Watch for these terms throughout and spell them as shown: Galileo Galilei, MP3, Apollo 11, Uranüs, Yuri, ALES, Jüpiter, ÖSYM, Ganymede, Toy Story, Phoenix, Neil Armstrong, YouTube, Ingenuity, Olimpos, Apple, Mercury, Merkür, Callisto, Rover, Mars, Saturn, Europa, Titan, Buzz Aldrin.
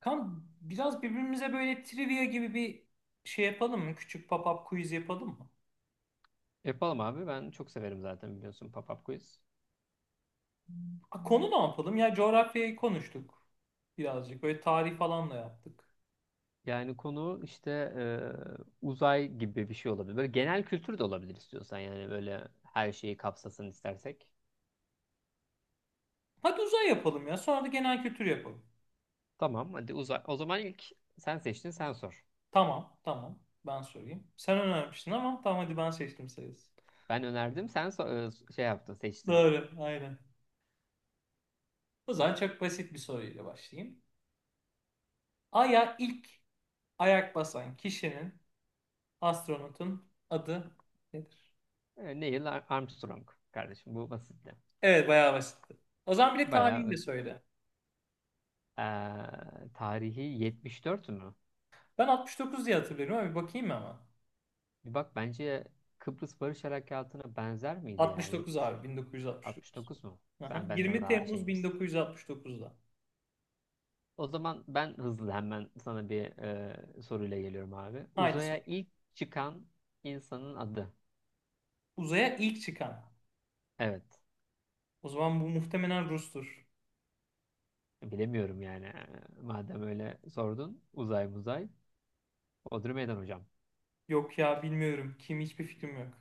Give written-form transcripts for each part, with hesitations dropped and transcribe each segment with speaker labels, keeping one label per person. Speaker 1: Kan biraz birbirimize böyle trivia gibi bir şey yapalım mı? Küçük pop-up quiz yapalım mı?
Speaker 2: Yapalım abi. Ben çok severim zaten biliyorsun Pop-Up Quiz.
Speaker 1: Ha, konu ne yapalım? Ya coğrafyayı konuştuk birazcık. Böyle tarih falan da yaptık.
Speaker 2: Yani konu işte uzay gibi bir şey olabilir. Böyle genel kültür de olabilir istiyorsan, yani böyle her şeyi kapsasın istersek.
Speaker 1: Hadi uzay yapalım ya. Sonra da genel kültür yapalım.
Speaker 2: Tamam, hadi uzay. O zaman ilk sen seçtin, sen sor.
Speaker 1: Tamam, tamam. Ben sorayım. Sen önermiştin ama tamam hadi ben seçtim sayısı.
Speaker 2: Ben önerdim, şey yaptın, seçtin.
Speaker 1: Doğru, aynen. O zaman çok basit bir soruyla başlayayım. Ay'a ilk ayak basan kişinin, astronotun adı nedir?
Speaker 2: Neil Armstrong kardeşim, bu basitti.
Speaker 1: Evet, bayağı basitti. O zaman bir de tarihini de
Speaker 2: Bayağı
Speaker 1: söyle.
Speaker 2: e, tarihi 74 mü?
Speaker 1: Ben 69 diye hatırlıyorum ama bir bakayım hemen.
Speaker 2: Bir bak, bence Kıbrıs Barış Harekatı'na benzer miydi ya?
Speaker 1: 69
Speaker 2: 70,
Speaker 1: abi, 1969.
Speaker 2: 9 mu?
Speaker 1: Aha,
Speaker 2: Sen benden
Speaker 1: 20
Speaker 2: daha
Speaker 1: Temmuz
Speaker 2: şeyimiz.
Speaker 1: 1969'da.
Speaker 2: O zaman ben hızlı hemen sana bir soruyla geliyorum abi.
Speaker 1: Haydi sor.
Speaker 2: Uzaya ilk çıkan insanın adı.
Speaker 1: Uzaya ilk çıkan.
Speaker 2: Evet.
Speaker 1: O zaman bu muhtemelen Rus'tur.
Speaker 2: Bilemiyorum yani. Madem öyle sordun. Uzay muzay. Odri Meydan hocam.
Speaker 1: Yok ya, bilmiyorum. Kim, hiçbir fikrim yok.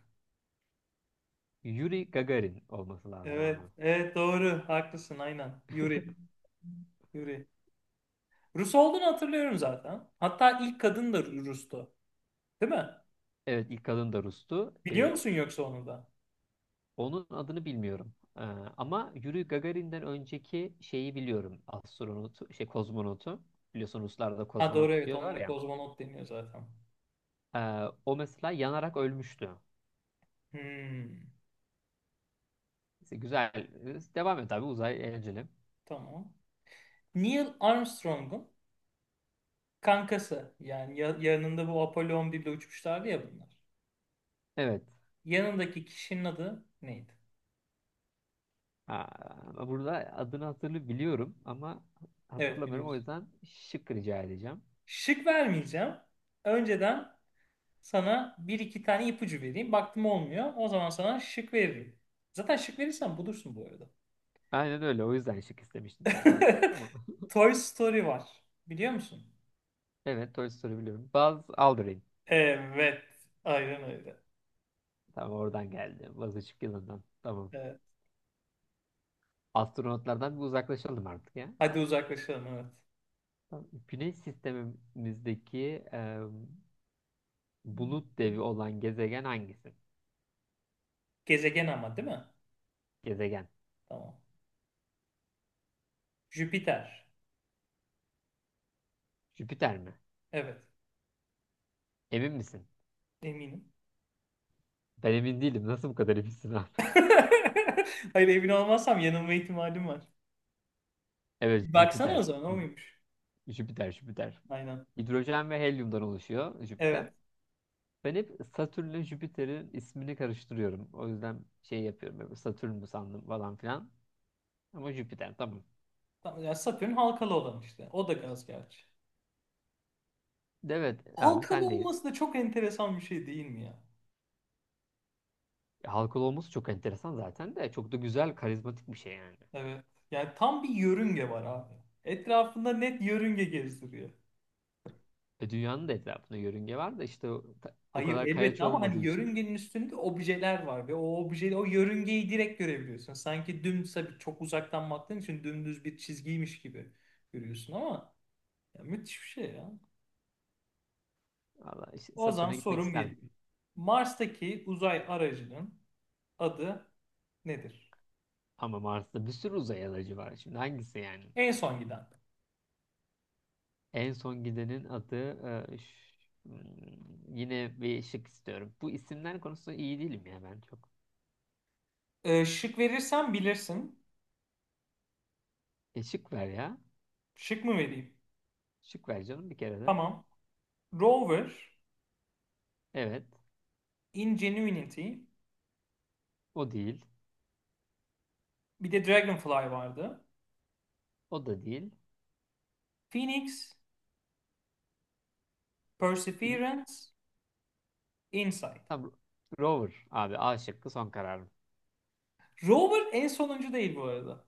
Speaker 2: Yuri Gagarin olması lazım
Speaker 1: Evet,
Speaker 2: abi.
Speaker 1: evet, doğru. Haklısın, aynen. Yuri. Yuri. Rus olduğunu hatırlıyorum zaten. Hatta ilk kadın da Rus'tu. Değil mi?
Speaker 2: Evet, ilk kadın da Rus'tu.
Speaker 1: Biliyor musun yoksa onu da?
Speaker 2: Onun adını bilmiyorum. Ama Yuri Gagarin'den önceki şeyi biliyorum. Astronotu, şey, kozmonotu. Biliyorsun, Ruslar da
Speaker 1: Ha, doğru,
Speaker 2: kozmonot
Speaker 1: evet,
Speaker 2: diyorlar
Speaker 1: onlara
Speaker 2: ya.
Speaker 1: kozmonot deniyor zaten.
Speaker 2: E, o mesela yanarak ölmüştü.
Speaker 1: Hmm,
Speaker 2: Neyse, güzel. Devam et abi. Uzay eğlenceli.
Speaker 1: tamam. Neil Armstrong'un kankası yani yanında, bu Apollo 11'de uçmuşlardı ya bunlar.
Speaker 2: Evet.
Speaker 1: Yanındaki kişinin adı neydi?
Speaker 2: Aa, burada adını hatırlı biliyorum ama
Speaker 1: Evet,
Speaker 2: hatırlamıyorum. O
Speaker 1: biliyoruz.
Speaker 2: yüzden şık rica edeceğim.
Speaker 1: Şık vermeyeceğim. Önceden sana bir iki tane ipucu vereyim. Baktım olmuyor. O zaman sana şık veririm. Zaten şık verirsem bulursun bu arada.
Speaker 2: Aynen öyle. O yüzden şık istemiştim zaten. Tamam.
Speaker 1: Toy Story var. Biliyor musun?
Speaker 2: Evet. Toy Story biliyorum. Buzz Aldrin.
Speaker 1: Evet. Aynen öyle.
Speaker 2: Tamam, oradan geldi. Buzz ışık yılı'ndan. Tamam.
Speaker 1: Evet.
Speaker 2: Astronotlardan bir uzaklaşalım artık ya.
Speaker 1: Hadi uzaklaşalım, evet.
Speaker 2: Tamam. Güneş sistemimizdeki bulut devi olan gezegen hangisi?
Speaker 1: Gezegen ama değil mi?
Speaker 2: Gezegen.
Speaker 1: Tamam. Jüpiter.
Speaker 2: Jüpiter mi?
Speaker 1: Evet.
Speaker 2: Emin misin?
Speaker 1: Eminim.
Speaker 2: Ben emin değilim. Nasıl bu kadar eminsin abi?
Speaker 1: Hayır, emin olmazsam yanılma ihtimalim var.
Speaker 2: Evet,
Speaker 1: Baksana o
Speaker 2: Jüpiter.
Speaker 1: zaman, o muymuş?
Speaker 2: Jüpiter, Jüpiter.
Speaker 1: Aynen.
Speaker 2: Hidrojen ve helyumdan oluşuyor Jüpiter.
Speaker 1: Evet.
Speaker 2: Ben hep Satürn'le Jüpiter'in ismini karıştırıyorum. O yüzden şey yapıyorum, böyle Satürn mü sandım falan filan. Ama Jüpiter, tamam.
Speaker 1: Tamam, ya Satürn halkalı olan işte. O da gaz gerçi.
Speaker 2: Evet abi,
Speaker 1: Halkalı
Speaker 2: sendeyiz.
Speaker 1: olması da çok enteresan bir şey, değil mi ya?
Speaker 2: Halkalı olması çok enteresan zaten de çok da güzel, karizmatik bir şey yani.
Speaker 1: Evet. Yani tam bir yörünge var abi. Etrafında net yörünge gezdiriyor.
Speaker 2: Dünyanın da etrafında yörünge var da işte o
Speaker 1: Hayır,
Speaker 2: kadar kayaç
Speaker 1: elbette, ama
Speaker 2: olmadığı
Speaker 1: hani
Speaker 2: için
Speaker 1: yörüngenin üstünde objeler var ve o obje, o yörüngeyi direkt görebiliyorsun. Sanki dümdüz, tabii çok uzaktan baktığın için dümdüz bir çizgiymiş gibi görüyorsun ama, ya, müthiş bir şey ya.
Speaker 2: valla, işte
Speaker 1: Ozan
Speaker 2: Satürn'e gitmek
Speaker 1: sorum
Speaker 2: isterdim.
Speaker 1: geliyor. Mars'taki uzay aracının adı nedir?
Speaker 2: Ama Mars'ta bir sürü uzay aracı var. Şimdi hangisi yani?
Speaker 1: En son giden.
Speaker 2: En son gidenin adı e, ş- yine bir şık istiyorum. Bu isimler konusunda iyi değilim ya ben çok.
Speaker 1: Şık verirsem bilirsin.
Speaker 2: Şık ver ya.
Speaker 1: Şık mı vereyim?
Speaker 2: Şık ver canım bir kere de.
Speaker 1: Tamam. Rover,
Speaker 2: Evet.
Speaker 1: Ingenuity,
Speaker 2: O değil.
Speaker 1: bir de Dragonfly vardı.
Speaker 2: O da değil.
Speaker 1: Phoenix,
Speaker 2: Phoenix.
Speaker 1: Perseverance, Insight.
Speaker 2: Tamam. Rover abi, A şıkkı son kararım.
Speaker 1: Rover en sonuncu değil bu arada.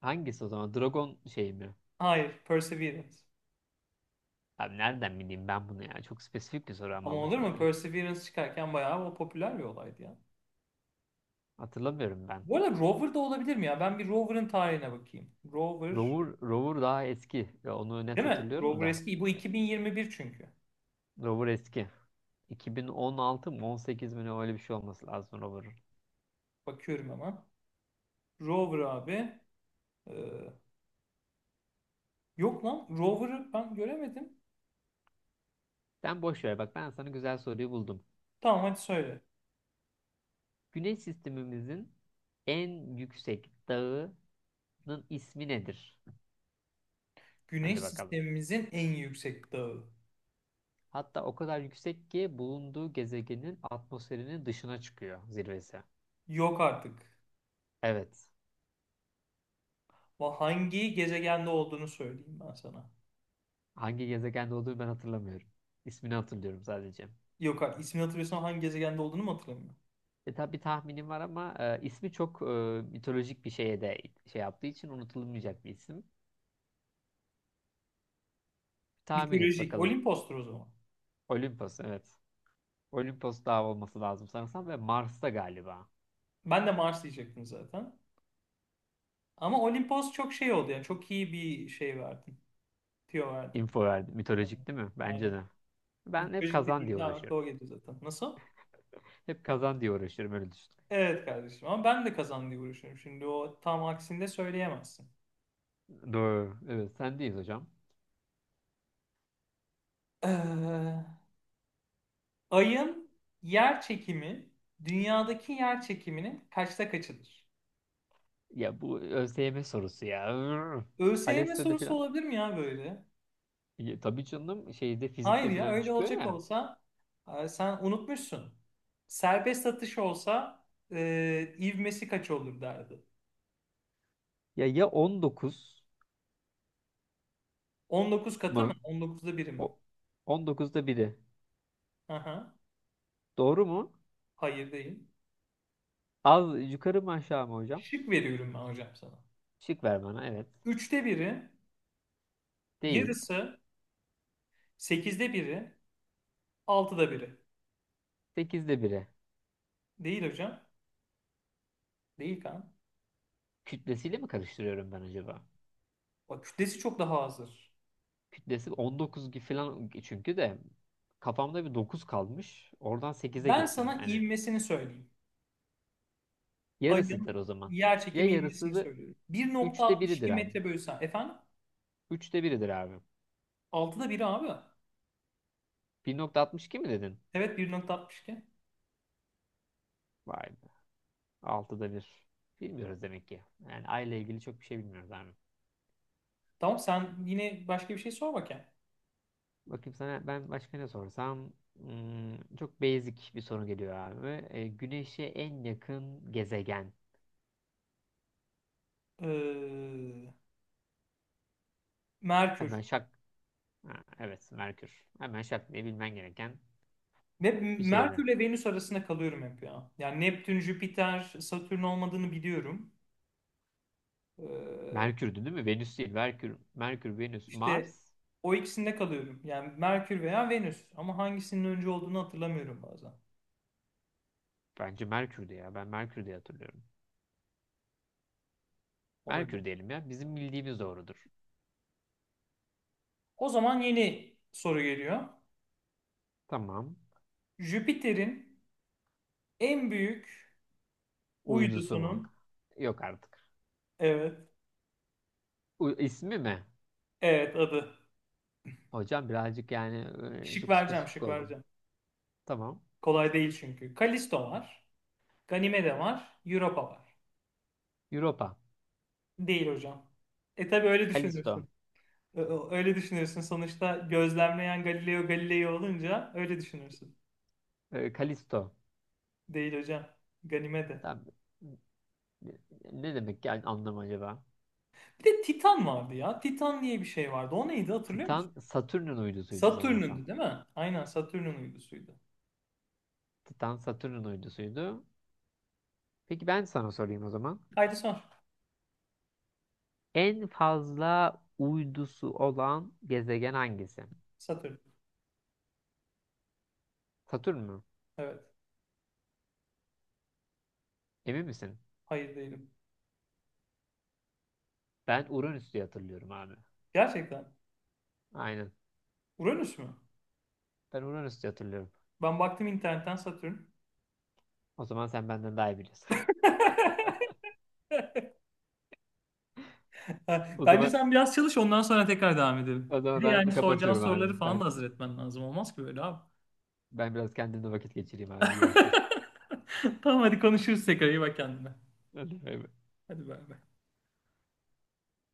Speaker 2: Hangisi o zaman? Dragon şey mi?
Speaker 1: Hayır, Perseverance.
Speaker 2: Abi, nereden bileyim ben bunu ya? Çok spesifik bir soru
Speaker 1: Ama
Speaker 2: ama bu
Speaker 1: olur mu?
Speaker 2: şimdi.
Speaker 1: Perseverance çıkarken bayağı o popüler bir olaydı ya.
Speaker 2: Hatırlamıyorum ben.
Speaker 1: Bu arada Rover da olabilir mi ya? Ben bir Rover'ın tarihine bakayım. Rover.
Speaker 2: Rover, Rover daha eski. Ya onu net
Speaker 1: Değil mi?
Speaker 2: hatırlıyorum
Speaker 1: Rover
Speaker 2: da.
Speaker 1: eski. Bu 2021 çünkü.
Speaker 2: Rover eski. 2016 mı, 18 mi, ne, öyle bir şey olması lazım Rover'ın.
Speaker 1: Bakıyorum hemen. Rover abi. Ee, Yok lan. Rover'ı ben göremedim.
Speaker 2: Sen boş ver, bak ben sana güzel soruyu buldum.
Speaker 1: Tamam, hadi söyle.
Speaker 2: Güneş sistemimizin en yüksek dağının ismi nedir?
Speaker 1: Güneş
Speaker 2: Hadi bakalım.
Speaker 1: sistemimizin en yüksek dağı.
Speaker 2: Hatta o kadar yüksek ki bulunduğu gezegenin atmosferinin dışına çıkıyor zirvesi.
Speaker 1: Yok artık.
Speaker 2: Evet.
Speaker 1: Hangi gezegende olduğunu söyleyeyim ben sana.
Speaker 2: Hangi gezegende olduğunu ben hatırlamıyorum. İsmini hatırlıyorum sadece.
Speaker 1: Yok artık. İsmini hatırlıyorsan hangi gezegende olduğunu mu hatırlamıyorum?
Speaker 2: Tabi tahminim var ama ismi çok mitolojik bir şeye de şey yaptığı için unutulmayacak bir isim. Tahmin et
Speaker 1: Mitolojik.
Speaker 2: bakalım.
Speaker 1: Olimpos'tur o zaman.
Speaker 2: Olimpos, evet. Olimpos Dağı olması lazım sanırsam, ve Mars'ta galiba.
Speaker 1: Ben de Mars diyecektim zaten. Ama Olimpos çok şey oldu yani. Çok iyi bir şey verdin. Tüyo verdin.
Speaker 2: Info verdi.
Speaker 1: Evet.
Speaker 2: Mitolojik değil mi? Bence
Speaker 1: Aynen.
Speaker 2: de. Ben hep
Speaker 1: Mitolojik
Speaker 2: kazan diye
Speaker 1: dediğimde
Speaker 2: uğraşıyorum.
Speaker 1: aklıma o geliyor zaten. Nasıl?
Speaker 2: Hep kazan diye uğraşıyorum, öyle düşün.
Speaker 1: Evet kardeşim, ama ben de kazan diye uğraşıyorum. Şimdi o tam aksinde söyleyemezsin.
Speaker 2: Doğru. Evet, sendeyiz hocam.
Speaker 1: Ee, Ayın yer çekimi, dünyadaki yer çekiminin kaçta kaçıdır?
Speaker 2: Ya, bu ÖSYM sorusu ya. Ürr.
Speaker 1: ÖSYM
Speaker 2: ALES'te de
Speaker 1: sorusu
Speaker 2: filan.
Speaker 1: olabilir mi ya böyle?
Speaker 2: Ya tabii canım, şeyde,
Speaker 1: Hayır
Speaker 2: fizikte
Speaker 1: ya,
Speaker 2: filan
Speaker 1: öyle
Speaker 2: çıkıyor
Speaker 1: olacak
Speaker 2: ya.
Speaker 1: olsa sen unutmuşsun. Serbest atış olsa ivmesi kaç olur derdi.
Speaker 2: Ya ya, 19
Speaker 1: 19 katı mı?
Speaker 2: mı?
Speaker 1: 19'da biri mi?
Speaker 2: O, 19'da biri.
Speaker 1: Aha,
Speaker 2: Doğru mu?
Speaker 1: hayır, değil.
Speaker 2: Az yukarı mı, aşağı mı hocam?
Speaker 1: Şık veriyorum ben hocam sana.
Speaker 2: Şık ver bana, evet.
Speaker 1: Üçte biri,
Speaker 2: Değil.
Speaker 1: yarısı, 8'de biri, 6'da biri.
Speaker 2: 8'de biri.
Speaker 1: Değil hocam. Değil kan.
Speaker 2: Kütlesiyle mi karıştırıyorum ben acaba?
Speaker 1: Bak, kütlesi çok daha azdır.
Speaker 2: Kütlesi 19 gibi falan çünkü de, kafamda bir 9 kalmış. Oradan sekize
Speaker 1: Ben
Speaker 2: gittim.
Speaker 1: sana
Speaker 2: Hani,
Speaker 1: ivmesini söyleyeyim. Ayın
Speaker 2: yarısıdır o zaman.
Speaker 1: yer
Speaker 2: Ya
Speaker 1: çekimi
Speaker 2: yarısı
Speaker 1: ivmesini
Speaker 2: da
Speaker 1: söylüyorum.
Speaker 2: üçte biridir
Speaker 1: 1.62
Speaker 2: abi.
Speaker 1: metre bölü saniye. Efendim?
Speaker 2: Üçte biridir abi.
Speaker 1: 6'da biri abi.
Speaker 2: 1.62 mi dedin?
Speaker 1: Evet, 1.62.
Speaker 2: Vay be. Altıda bir. Bilmiyoruz demek ki. Yani aile ilgili çok bir şey bilmiyoruz abi.
Speaker 1: Tamam, sen yine başka bir şey sor bakayım.
Speaker 2: Bakayım sana ben başka ne sorsam. Çok basic bir soru geliyor abi. Güneşe en yakın gezegen.
Speaker 1: Ee,
Speaker 2: Hemen
Speaker 1: Merkür.
Speaker 2: şak. Ha, evet, Merkür. Hemen şak diye bilmen gereken
Speaker 1: Ve
Speaker 2: bir şeydi.
Speaker 1: Merkür ile Venüs arasında kalıyorum hep ya. Yani Neptün, Jüpiter, Satürn olmadığını biliyorum. Ee,
Speaker 2: Merkür'dü değil mi? Venüs değil. Merkür, Merkür, Venüs,
Speaker 1: İşte
Speaker 2: Mars.
Speaker 1: o ikisinde kalıyorum. Yani Merkür veya Venüs. Ama hangisinin önce olduğunu hatırlamıyorum bazen.
Speaker 2: Bence Merkür'dü ya. Ben Merkür diye hatırlıyorum.
Speaker 1: Olabilir.
Speaker 2: Merkür diyelim ya. Bizim bildiğimiz doğrudur.
Speaker 1: O zaman yeni soru geliyor.
Speaker 2: Tamam.
Speaker 1: Jüpiter'in en büyük
Speaker 2: Uydusu mu?
Speaker 1: uydusunun,
Speaker 2: Yok artık.
Speaker 1: evet,
Speaker 2: U ismi mi?
Speaker 1: evet, adı.
Speaker 2: Hocam, birazcık yani
Speaker 1: Şık
Speaker 2: çok
Speaker 1: vereceğim,
Speaker 2: spesifik
Speaker 1: şık
Speaker 2: oldu.
Speaker 1: vereceğim.
Speaker 2: Tamam.
Speaker 1: Kolay değil çünkü. Kalisto var. Ganimede var. Europa var.
Speaker 2: Europa.
Speaker 1: Değil hocam. E tabi öyle
Speaker 2: Kalisto.
Speaker 1: düşünürsün. Öyle düşünürsün. Sonuçta gözlemleyen Galileo Galilei olunca öyle düşünürsün.
Speaker 2: Kalisto.
Speaker 1: Değil hocam. Ganimede.
Speaker 2: Tamam. Ne demek yani, anlam acaba?
Speaker 1: Bir de Titan vardı ya. Titan diye bir şey vardı. O neydi, hatırlıyor musun?
Speaker 2: Titan Satürn'ün uydusuydu sanırsam.
Speaker 1: Satürn'ündü değil mi? Aynen, Satürn'ün uydusuydu.
Speaker 2: Titan Satürn'ün uydusuydu. Peki ben sana sorayım o zaman.
Speaker 1: Haydi sor.
Speaker 2: En fazla uydusu olan gezegen hangisi?
Speaker 1: Satürn.
Speaker 2: Satürn mü?
Speaker 1: Evet.
Speaker 2: Emin misin?
Speaker 1: Hayır, değilim.
Speaker 2: Ben Uranüs diye hatırlıyorum abi.
Speaker 1: Gerçekten.
Speaker 2: Aynen.
Speaker 1: Uranüs mü?
Speaker 2: Ben Uranüs diye hatırlıyorum.
Speaker 1: Ben baktım internetten, Satürn.
Speaker 2: O zaman sen benden daha iyi biliyorsun. O
Speaker 1: Bence
Speaker 2: zaman
Speaker 1: sen biraz çalış, ondan sonra tekrar devam edelim.
Speaker 2: o
Speaker 1: Bir
Speaker 2: zaman
Speaker 1: de yani
Speaker 2: ben
Speaker 1: soracağın
Speaker 2: kapatıyorum abi.
Speaker 1: soruları falan
Speaker 2: Ben
Speaker 1: da hazır etmen lazım. Olmaz ki böyle abi.
Speaker 2: ben biraz kendimle vakit geçireyim abi. Görüşürüz.
Speaker 1: Tamam, hadi konuşuruz tekrar. İyi bak kendine.
Speaker 2: Hadi bay bay.
Speaker 1: Hadi bay bay.